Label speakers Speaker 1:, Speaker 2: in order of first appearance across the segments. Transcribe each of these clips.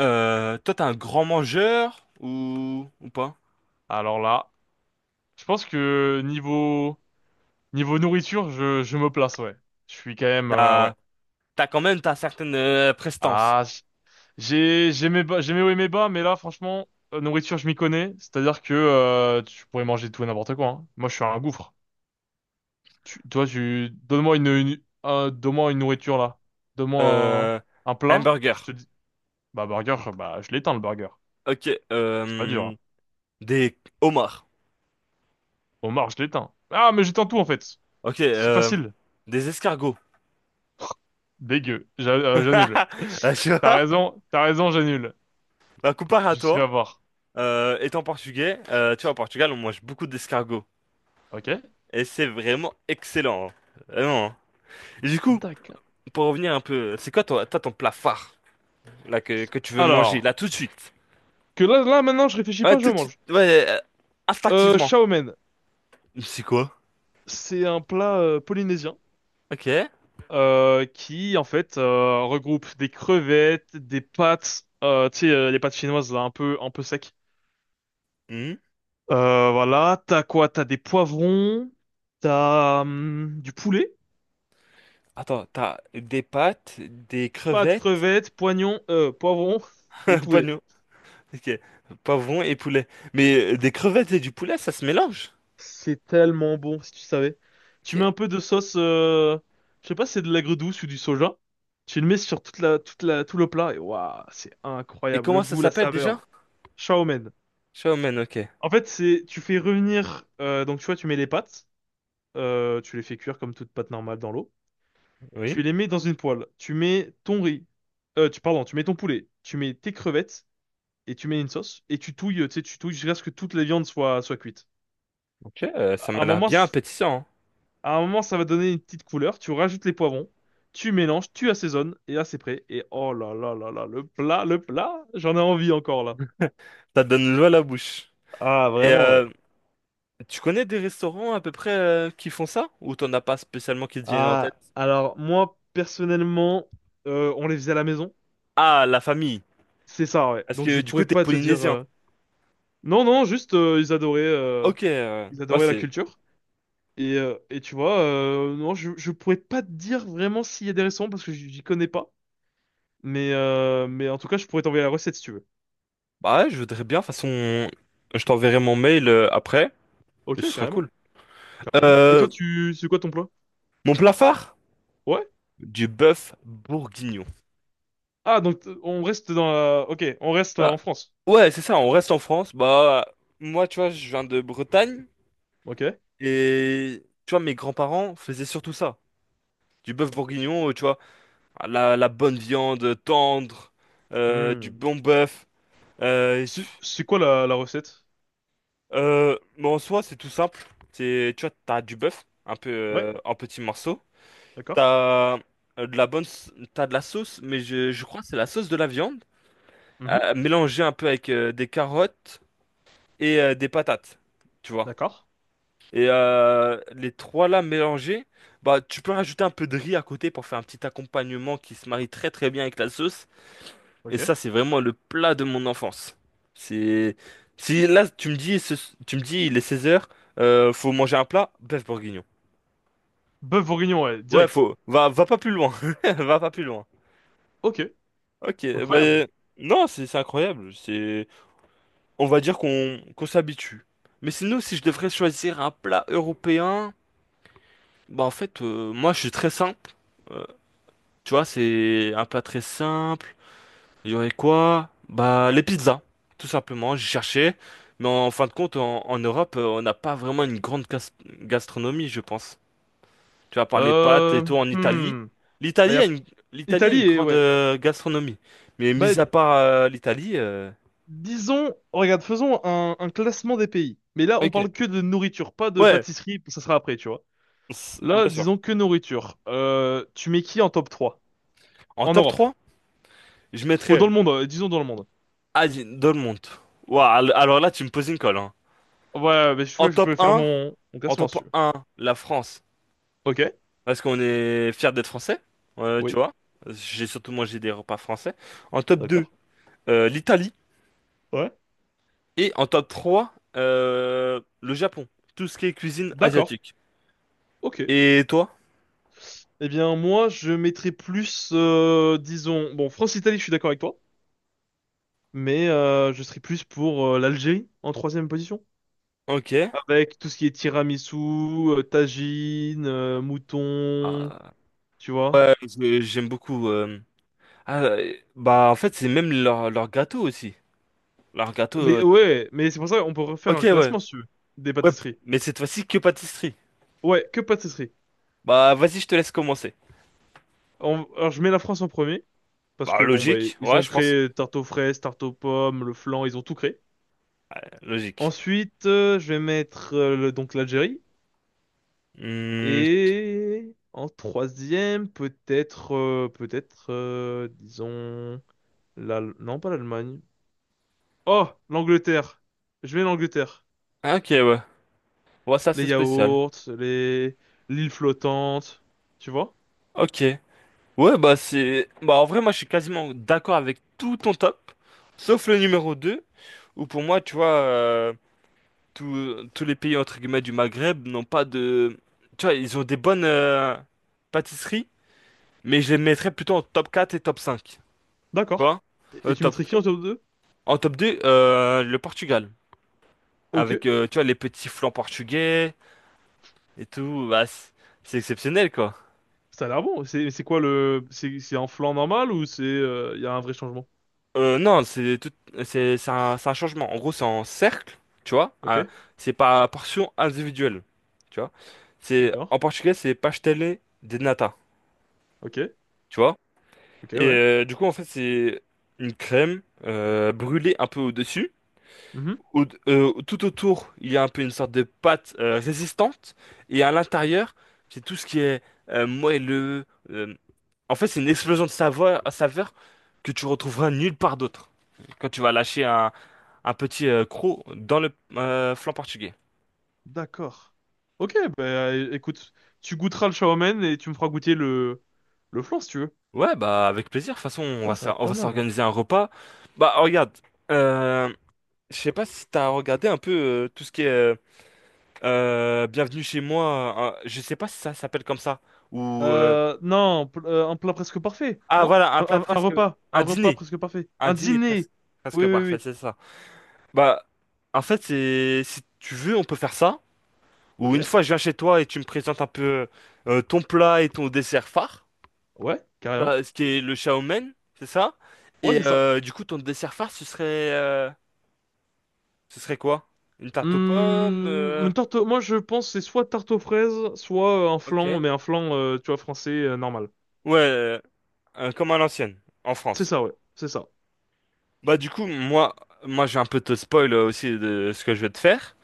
Speaker 1: Toi, t'es un grand mangeur ou pas?
Speaker 2: Alors là, je pense que niveau nourriture, je me place, ouais. Je suis quand même ouais.
Speaker 1: T'as, t'as quand même t'as certaines prestances.
Speaker 2: Ah, j- j'ai mes bas, j'ai mes hauts et mes bas, mais là franchement, nourriture, je m'y connais, c'est-à-dire que tu pourrais manger tout et n'importe quoi, hein. Moi, je suis un gouffre. Toi, tu donne-moi donne-moi une nourriture là. Donne-moi
Speaker 1: Euh,
Speaker 2: un
Speaker 1: un
Speaker 2: plat,
Speaker 1: burger.
Speaker 2: je te dis bah burger, bah je l'éteins le burger.
Speaker 1: Ok.
Speaker 2: C'est pas dur, hein.
Speaker 1: Des homards.
Speaker 2: Homard, je l'éteins. Ah, mais j'éteins tout en fait.
Speaker 1: Ok.
Speaker 2: C'est facile.
Speaker 1: Des escargots.
Speaker 2: Dégueu. J'annule.
Speaker 1: Tu vois?
Speaker 2: T'as raison, j'annule.
Speaker 1: Bah, comparé à
Speaker 2: Je suis
Speaker 1: toi,
Speaker 2: à voir.
Speaker 1: étant portugais, tu vois, au Portugal, on mange beaucoup d'escargots.
Speaker 2: Ok?
Speaker 1: Et c'est vraiment excellent, hein. Vraiment, hein. Et du coup,
Speaker 2: D'accord.
Speaker 1: pour revenir un peu, c'est quoi toi, ton plat phare là, que tu veux manger
Speaker 2: Alors,
Speaker 1: là tout de suite?
Speaker 2: que maintenant, je réfléchis
Speaker 1: Ouais,
Speaker 2: pas, je
Speaker 1: tout de suite,
Speaker 2: mange.
Speaker 1: ouais, instinctivement.
Speaker 2: Chow mein,
Speaker 1: C'est quoi?
Speaker 2: c'est un plat polynésien
Speaker 1: Ok.
Speaker 2: qui, en fait, regroupe des crevettes, des pâtes, tu sais, les pâtes chinoises, là, un peu sec.
Speaker 1: Hmm.
Speaker 2: Voilà, t'as quoi? T'as des poivrons, t'as du poulet,
Speaker 1: Attends, t'as des pâtes, des
Speaker 2: pâtes,
Speaker 1: crevettes.
Speaker 2: crevettes, poignons, poivrons et
Speaker 1: Pas
Speaker 2: poulet.
Speaker 1: nous. Ok. Poivrons et poulet. Mais des crevettes et du poulet, ça se mélange.
Speaker 2: C'est tellement bon, si tu savais. Tu mets
Speaker 1: Ok.
Speaker 2: un peu de sauce, je sais pas si c'est de l'aigre douce ou du soja. Tu le mets sur tout le plat et waouh, c'est
Speaker 1: Et
Speaker 2: incroyable.
Speaker 1: comment
Speaker 2: Le
Speaker 1: ça
Speaker 2: goût, la
Speaker 1: s'appelle déjà?
Speaker 2: saveur. Ciao, man.
Speaker 1: Shawmen, ok.
Speaker 2: En fait, c'est, tu fais revenir, donc tu vois, tu mets les pâtes, tu les fais cuire comme toute pâte normale dans l'eau.
Speaker 1: Oui.
Speaker 2: Tu les mets dans une poêle. Tu mets ton riz, pardon, tu mets ton poulet, tu mets tes crevettes et tu mets une sauce et tu touilles, tu sais, tu touilles jusqu'à ce que toute la viande soit cuite.
Speaker 1: Ok, ça
Speaker 2: À
Speaker 1: m'a
Speaker 2: un
Speaker 1: l'air
Speaker 2: moment,
Speaker 1: bien
Speaker 2: c-
Speaker 1: appétissant, hein.
Speaker 2: À un moment, ça va donner une petite couleur. Tu rajoutes les poivrons, tu mélanges, tu assaisonnes, et là, c'est prêt. Et oh là là là là, le plat, j'en ai envie encore là.
Speaker 1: Ça donne l'eau à la bouche.
Speaker 2: Ah,
Speaker 1: Et
Speaker 2: vraiment, ouais.
Speaker 1: tu connais des restaurants à peu près, qui font ça? Ou t'en as pas spécialement qui te viennent en
Speaker 2: Ah,
Speaker 1: tête?
Speaker 2: alors moi, personnellement, on les faisait à la maison.
Speaker 1: Ah, la famille.
Speaker 2: C'est ça, ouais.
Speaker 1: Parce
Speaker 2: Donc
Speaker 1: que
Speaker 2: je
Speaker 1: du coup,
Speaker 2: pourrais
Speaker 1: t'es
Speaker 2: pas te dire…
Speaker 1: polynésien.
Speaker 2: Non, non, juste,
Speaker 1: Ok,
Speaker 2: ils
Speaker 1: ouais,
Speaker 2: adoraient la
Speaker 1: c'est
Speaker 2: culture. Et tu vois, non, je pourrais pas te dire vraiment s'il y a des restaurants parce que j'y connais pas. Mais en tout cas, je pourrais t'envoyer la recette si tu veux.
Speaker 1: Bah ouais, je voudrais bien. De toute façon, je t'enverrai mon mail après, et ce
Speaker 2: Ok,
Speaker 1: sera
Speaker 2: carrément.
Speaker 1: cool.
Speaker 2: Carrément. Et
Speaker 1: Euh,
Speaker 2: toi, c'est quoi ton plat?
Speaker 1: Mon plat phare?
Speaker 2: Ouais?
Speaker 1: Du bœuf bourguignon.
Speaker 2: Ah, on reste dans la… Ok, on reste en
Speaker 1: Bah,
Speaker 2: France.
Speaker 1: ouais, c'est ça, on reste en France. Bah, moi, tu vois, je viens de Bretagne,
Speaker 2: Ok.
Speaker 1: et tu vois, mes grands-parents faisaient surtout ça. Du bœuf bourguignon, tu vois, la bonne viande tendre, du
Speaker 2: Hmm.
Speaker 1: bon bœuf. Euh,
Speaker 2: C'est quoi la recette?
Speaker 1: mais en soi, c'est tout simple. C'est, tu vois, t'as du bœuf, un peu
Speaker 2: Ouais,
Speaker 1: en petits morceaux.
Speaker 2: d'accord.
Speaker 1: T'as de la bonne, t'as de la sauce, mais je crois que c'est la sauce de la viande,
Speaker 2: Mhm,
Speaker 1: mélangée un peu avec des carottes et des patates, tu vois.
Speaker 2: d'accord.
Speaker 1: Et les trois là mélangés, bah tu peux rajouter un peu de riz à côté pour faire un petit accompagnement qui se marie très très bien avec la sauce. Et ça,
Speaker 2: Ok.
Speaker 1: c'est vraiment le plat de mon enfance. C'est, si là tu me dis, tu me dis, il est 16 heures, faut manger un plat, bœuf bourguignon.
Speaker 2: Bœuf bourguignon, ouais,
Speaker 1: Ouais,
Speaker 2: direct.
Speaker 1: faut, va pas plus loin. Va pas plus loin.
Speaker 2: Ok,
Speaker 1: Ok,
Speaker 2: incroyable.
Speaker 1: bah, non, c'est incroyable. C'est, on va dire qu'on s'habitue. Mais sinon, si je devrais choisir un plat européen, bah en fait, moi, je suis très simple. Euh, Tu vois, c'est un plat très simple. Il y aurait quoi? Bah, les pizzas, tout simplement. J'ai cherché, mais en fin de compte, en Europe, on n'a pas vraiment une grande gastronomie, je pense. Tu vas par les pâtes et
Speaker 2: Euh…
Speaker 1: tout en Italie.
Speaker 2: Hmm. Bah, y
Speaker 1: L'Italie
Speaker 2: a
Speaker 1: a une, L'Italie a
Speaker 2: Italie
Speaker 1: une
Speaker 2: et…
Speaker 1: grande
Speaker 2: Ouais.
Speaker 1: gastronomie, mais
Speaker 2: Bah,
Speaker 1: mis à part l'Italie.
Speaker 2: disons… Regarde, faisons un classement des pays. Mais là, on
Speaker 1: Ok.
Speaker 2: parle que de nourriture, pas de
Speaker 1: Ouais,
Speaker 2: pâtisserie, ça sera après, tu vois.
Speaker 1: bien
Speaker 2: Là,
Speaker 1: sûr.
Speaker 2: disons que nourriture. Tu mets qui en top 3
Speaker 1: En
Speaker 2: en
Speaker 1: top
Speaker 2: Europe?
Speaker 1: 3, je
Speaker 2: Ou dans
Speaker 1: mettrais
Speaker 2: le monde, disons dans le monde.
Speaker 1: Adin, Dolmont. Ouah, alors là, tu me poses une colle, hein.
Speaker 2: Ouais, mais
Speaker 1: En
Speaker 2: je
Speaker 1: top
Speaker 2: peux faire
Speaker 1: un,
Speaker 2: mon
Speaker 1: en
Speaker 2: classement si
Speaker 1: top
Speaker 2: tu veux.
Speaker 1: un, la France.
Speaker 2: Ok,
Speaker 1: Parce qu'on est fiers d'être français, tu
Speaker 2: oui,
Speaker 1: vois. J'ai surtout mangé des repas français. En top 2,
Speaker 2: d'accord.
Speaker 1: l'Italie.
Speaker 2: Ouais,
Speaker 1: Et en top 3, le Japon. Tout ce qui est cuisine
Speaker 2: d'accord,
Speaker 1: asiatique.
Speaker 2: ok.
Speaker 1: Et toi?
Speaker 2: Eh bien, moi, je mettrais plus, disons, bon, France-Italie, je suis d'accord avec toi, mais je serais plus pour l'Algérie en troisième position,
Speaker 1: Ok.
Speaker 2: avec tout ce qui est tiramisu, tagine, mouton,
Speaker 1: Ah,
Speaker 2: tu vois.
Speaker 1: ouais, j'aime beaucoup. Ah, bah, en fait, c'est même leur gâteau aussi. Leur gâteau.
Speaker 2: Ouais, mais c'est pour ça qu'on peut refaire
Speaker 1: Ok,
Speaker 2: un
Speaker 1: ouais.
Speaker 2: classement si tu veux, des
Speaker 1: Ouais,
Speaker 2: pâtisseries.
Speaker 1: mais cette fois-ci que pâtisserie.
Speaker 2: Ouais, que pâtisseries.
Speaker 1: Bah, vas-y, je te laisse commencer.
Speaker 2: Alors, je mets la France en premier, parce
Speaker 1: Bah,
Speaker 2: que bon, bah,
Speaker 1: logique,
Speaker 2: ils
Speaker 1: ouais,
Speaker 2: ont
Speaker 1: je pense.
Speaker 2: créé tarte aux fraises, tarte aux pommes, le flan, ils ont tout créé.
Speaker 1: Logique.
Speaker 2: Ensuite, je vais mettre le- donc l'Algérie.
Speaker 1: Hmm,
Speaker 2: Et en troisième, peut-être, disons, la… non, pas l'Allemagne. Oh, l'Angleterre. Je mets l'Angleterre.
Speaker 1: ah, ok, ouais. Ouais, ça,
Speaker 2: Les
Speaker 1: c'est spécial.
Speaker 2: yaourts, les l'île flottante, tu vois?
Speaker 1: Ok. Ouais, bah, c'est. Bah, en vrai, moi, je suis quasiment d'accord avec tout ton top, sauf le numéro deux, où pour moi, tu vois, tous les pays, entre guillemets, du Maghreb n'ont pas de. Tu vois, ils ont des bonnes pâtisseries, mais je les mettrais plutôt en top 4 et top cinq. Tu
Speaker 2: D'accord.
Speaker 1: vois?
Speaker 2: Et tu
Speaker 1: Top...
Speaker 2: mettrais qui en top 2?
Speaker 1: En top deux, le Portugal.
Speaker 2: Ok,
Speaker 1: Avec, tu vois, les petits flancs portugais et tout. Bah, c'est exceptionnel, quoi.
Speaker 2: ça a l'air bon. C'est quoi le… c'est un flan normal ou c'est… il y a un vrai changement?
Speaker 1: Non, c'est tout, c'est un, c'est un changement. En gros, c'est en cercle, tu vois.
Speaker 2: Ok.
Speaker 1: Ah, c'est pas à portion individuelle, tu vois. C'est,
Speaker 2: D'accord.
Speaker 1: en portugais, c'est pastelé de nata,
Speaker 2: Ok.
Speaker 1: tu vois.
Speaker 2: Ok,
Speaker 1: Et
Speaker 2: ouais.
Speaker 1: du coup, en fait, c'est une crème brûlée un peu au-dessus.
Speaker 2: Mhm.
Speaker 1: Tout autour, il y a un peu une sorte de pâte résistante. Et à l'intérieur, c'est tout ce qui est moelleux. euh, En fait, c'est une explosion de saveur, saveur que tu retrouveras nulle part d'autre. Quand tu vas lâcher un petit croc dans le flanc portugais.
Speaker 2: D'accord. Ok, écoute, tu goûteras le shawarma et tu me feras goûter le flan si tu veux.
Speaker 1: Ouais, bah avec plaisir. De toute façon,
Speaker 2: Putain, ça va
Speaker 1: on
Speaker 2: pas
Speaker 1: va
Speaker 2: mal là.
Speaker 1: s'organiser un repas. Bah regarde, euh, je sais pas si t'as regardé un peu tout ce qui est Bienvenue chez moi. Je sais pas si ça s'appelle comme ça ou
Speaker 2: Non, pl- Un plat presque parfait,
Speaker 1: Ah
Speaker 2: non?
Speaker 1: voilà, un plat
Speaker 2: Un
Speaker 1: presque,
Speaker 2: repas, un
Speaker 1: un
Speaker 2: repas
Speaker 1: dîner,
Speaker 2: presque parfait.
Speaker 1: un
Speaker 2: Un
Speaker 1: dîner presque,
Speaker 2: dîner. Oui,
Speaker 1: presque
Speaker 2: oui,
Speaker 1: parfait,
Speaker 2: oui.
Speaker 1: c'est ça. Bah, en fait, c'est, si tu veux, on peut faire ça.
Speaker 2: Ok.
Speaker 1: Ou une fois, je viens chez toi et tu me présentes un peu ton plat et ton dessert phare.
Speaker 2: Ouais, carrément.
Speaker 1: Là, ce qui est le chow mein, c'est ça.
Speaker 2: Ouais,
Speaker 1: Et
Speaker 2: c'est ça.
Speaker 1: du coup, ton dessert phare, ce serait quoi? Une tarte aux pommes,
Speaker 2: Une tarte, moi je pense que c'est soit tarte aux fraises, soit un
Speaker 1: ok.
Speaker 2: flan, mais un flan, tu vois, français, normal.
Speaker 1: Ouais, comme à l'ancienne, en
Speaker 2: C'est
Speaker 1: France.
Speaker 2: ça, ouais. C'est ça.
Speaker 1: Bah du coup, moi, je vais un peu te spoil aussi de ce que je vais te faire.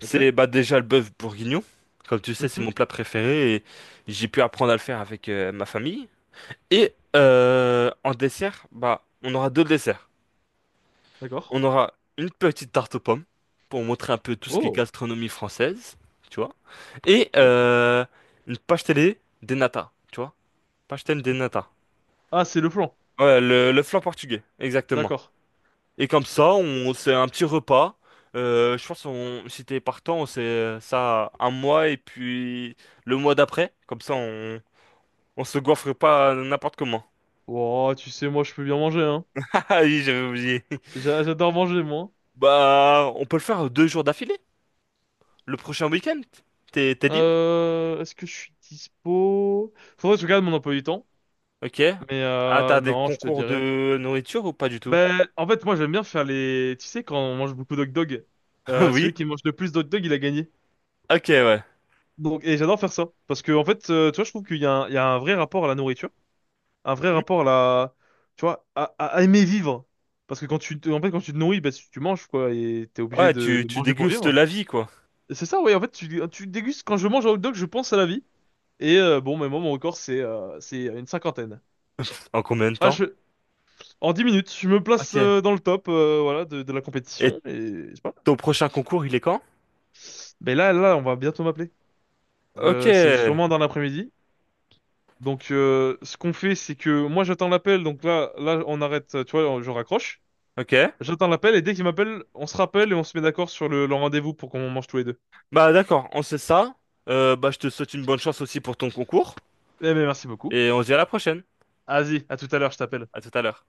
Speaker 2: Ok.
Speaker 1: bah déjà le bœuf bourguignon. Comme tu sais, c'est
Speaker 2: Mhm.
Speaker 1: mon plat préféré et j'ai pu apprendre à le faire avec ma famille. Et en dessert, bah on aura deux desserts.
Speaker 2: D'accord.
Speaker 1: On aura une petite tarte aux pommes pour montrer un peu tout ce qui est
Speaker 2: Oh.
Speaker 1: gastronomie française, tu vois. Et
Speaker 2: Ok.
Speaker 1: une pastel des nata, tu vois. Pastel des nata.
Speaker 2: Ah, c'est le flan.
Speaker 1: Ouais, le flan portugais, exactement.
Speaker 2: D'accord.
Speaker 1: Et comme ça, on c'est un petit repas. Je pense si t'es partant, on sait ça un mois et puis le mois d'après. Comme ça, on se goiffre pas n'importe comment.
Speaker 2: Oh, tu sais, moi, je peux bien manger, hein.
Speaker 1: Ah oui, j'avais oublié.
Speaker 2: J'adore manger, moi.
Speaker 1: Bah, on peut le faire 2 jours d'affilée. Le prochain week-end. T'es libre?
Speaker 2: Est-ce que je suis dispo? Faudrait que je regarde mon emploi du temps.
Speaker 1: Ok.
Speaker 2: Mais
Speaker 1: Ah, t'as des
Speaker 2: non, je te
Speaker 1: concours
Speaker 2: dirais.
Speaker 1: de nourriture ou pas du tout?
Speaker 2: Ben, en fait, moi, j'aime bien faire les… Tu sais, quand on mange beaucoup d'hot dog,
Speaker 1: Oui.
Speaker 2: celui qui mange le plus d'hot dog, il a gagné.
Speaker 1: Ok, ouais.
Speaker 2: Donc, et j'adore faire ça. Parce que, en fait, tu vois, je trouve qu'il y a il y a un vrai rapport à la nourriture. Un vrai
Speaker 1: Hmm.
Speaker 2: rapport à la… Tu vois, à aimer vivre. Parce que en fait, quand tu te nourris, ben, tu manges, quoi. Et t'es obligé
Speaker 1: Ouais,
Speaker 2: de
Speaker 1: tu, tu
Speaker 2: manger pour
Speaker 1: dégustes
Speaker 2: vivre.
Speaker 1: la vie, quoi.
Speaker 2: C'est ça, oui. En fait, tu dégustes. Quand je mange un hot dog, je pense à la vie. Et bon, mais moi, mon record, c'est une cinquantaine.
Speaker 1: En combien de
Speaker 2: Ah,
Speaker 1: temps?
Speaker 2: je, en 10 minutes, je me place
Speaker 1: Ok.
Speaker 2: dans le top voilà, de la
Speaker 1: Et
Speaker 2: compétition. Et c'est pas mal.
Speaker 1: ton prochain concours, il est quand?
Speaker 2: Mais là, on va bientôt m'appeler.
Speaker 1: Ok.
Speaker 2: C'est sûrement dans l'après-midi. Donc, ce qu'on fait, c'est que moi, j'attends l'appel. Donc là, on arrête. Tu vois, je raccroche.
Speaker 1: Ok.
Speaker 2: J'attends l'appel. Et dès qu'il m'appelle, on se rappelle et on se met d'accord sur le rendez-vous pour qu'on mange tous les deux.
Speaker 1: Bah d'accord, on sait ça. Bah je te souhaite une bonne chance aussi pour ton concours
Speaker 2: Eh, mais merci beaucoup.
Speaker 1: et on se dit à la prochaine.
Speaker 2: Vas-y, à tout à l'heure, je t'appelle.
Speaker 1: À tout à l'heure.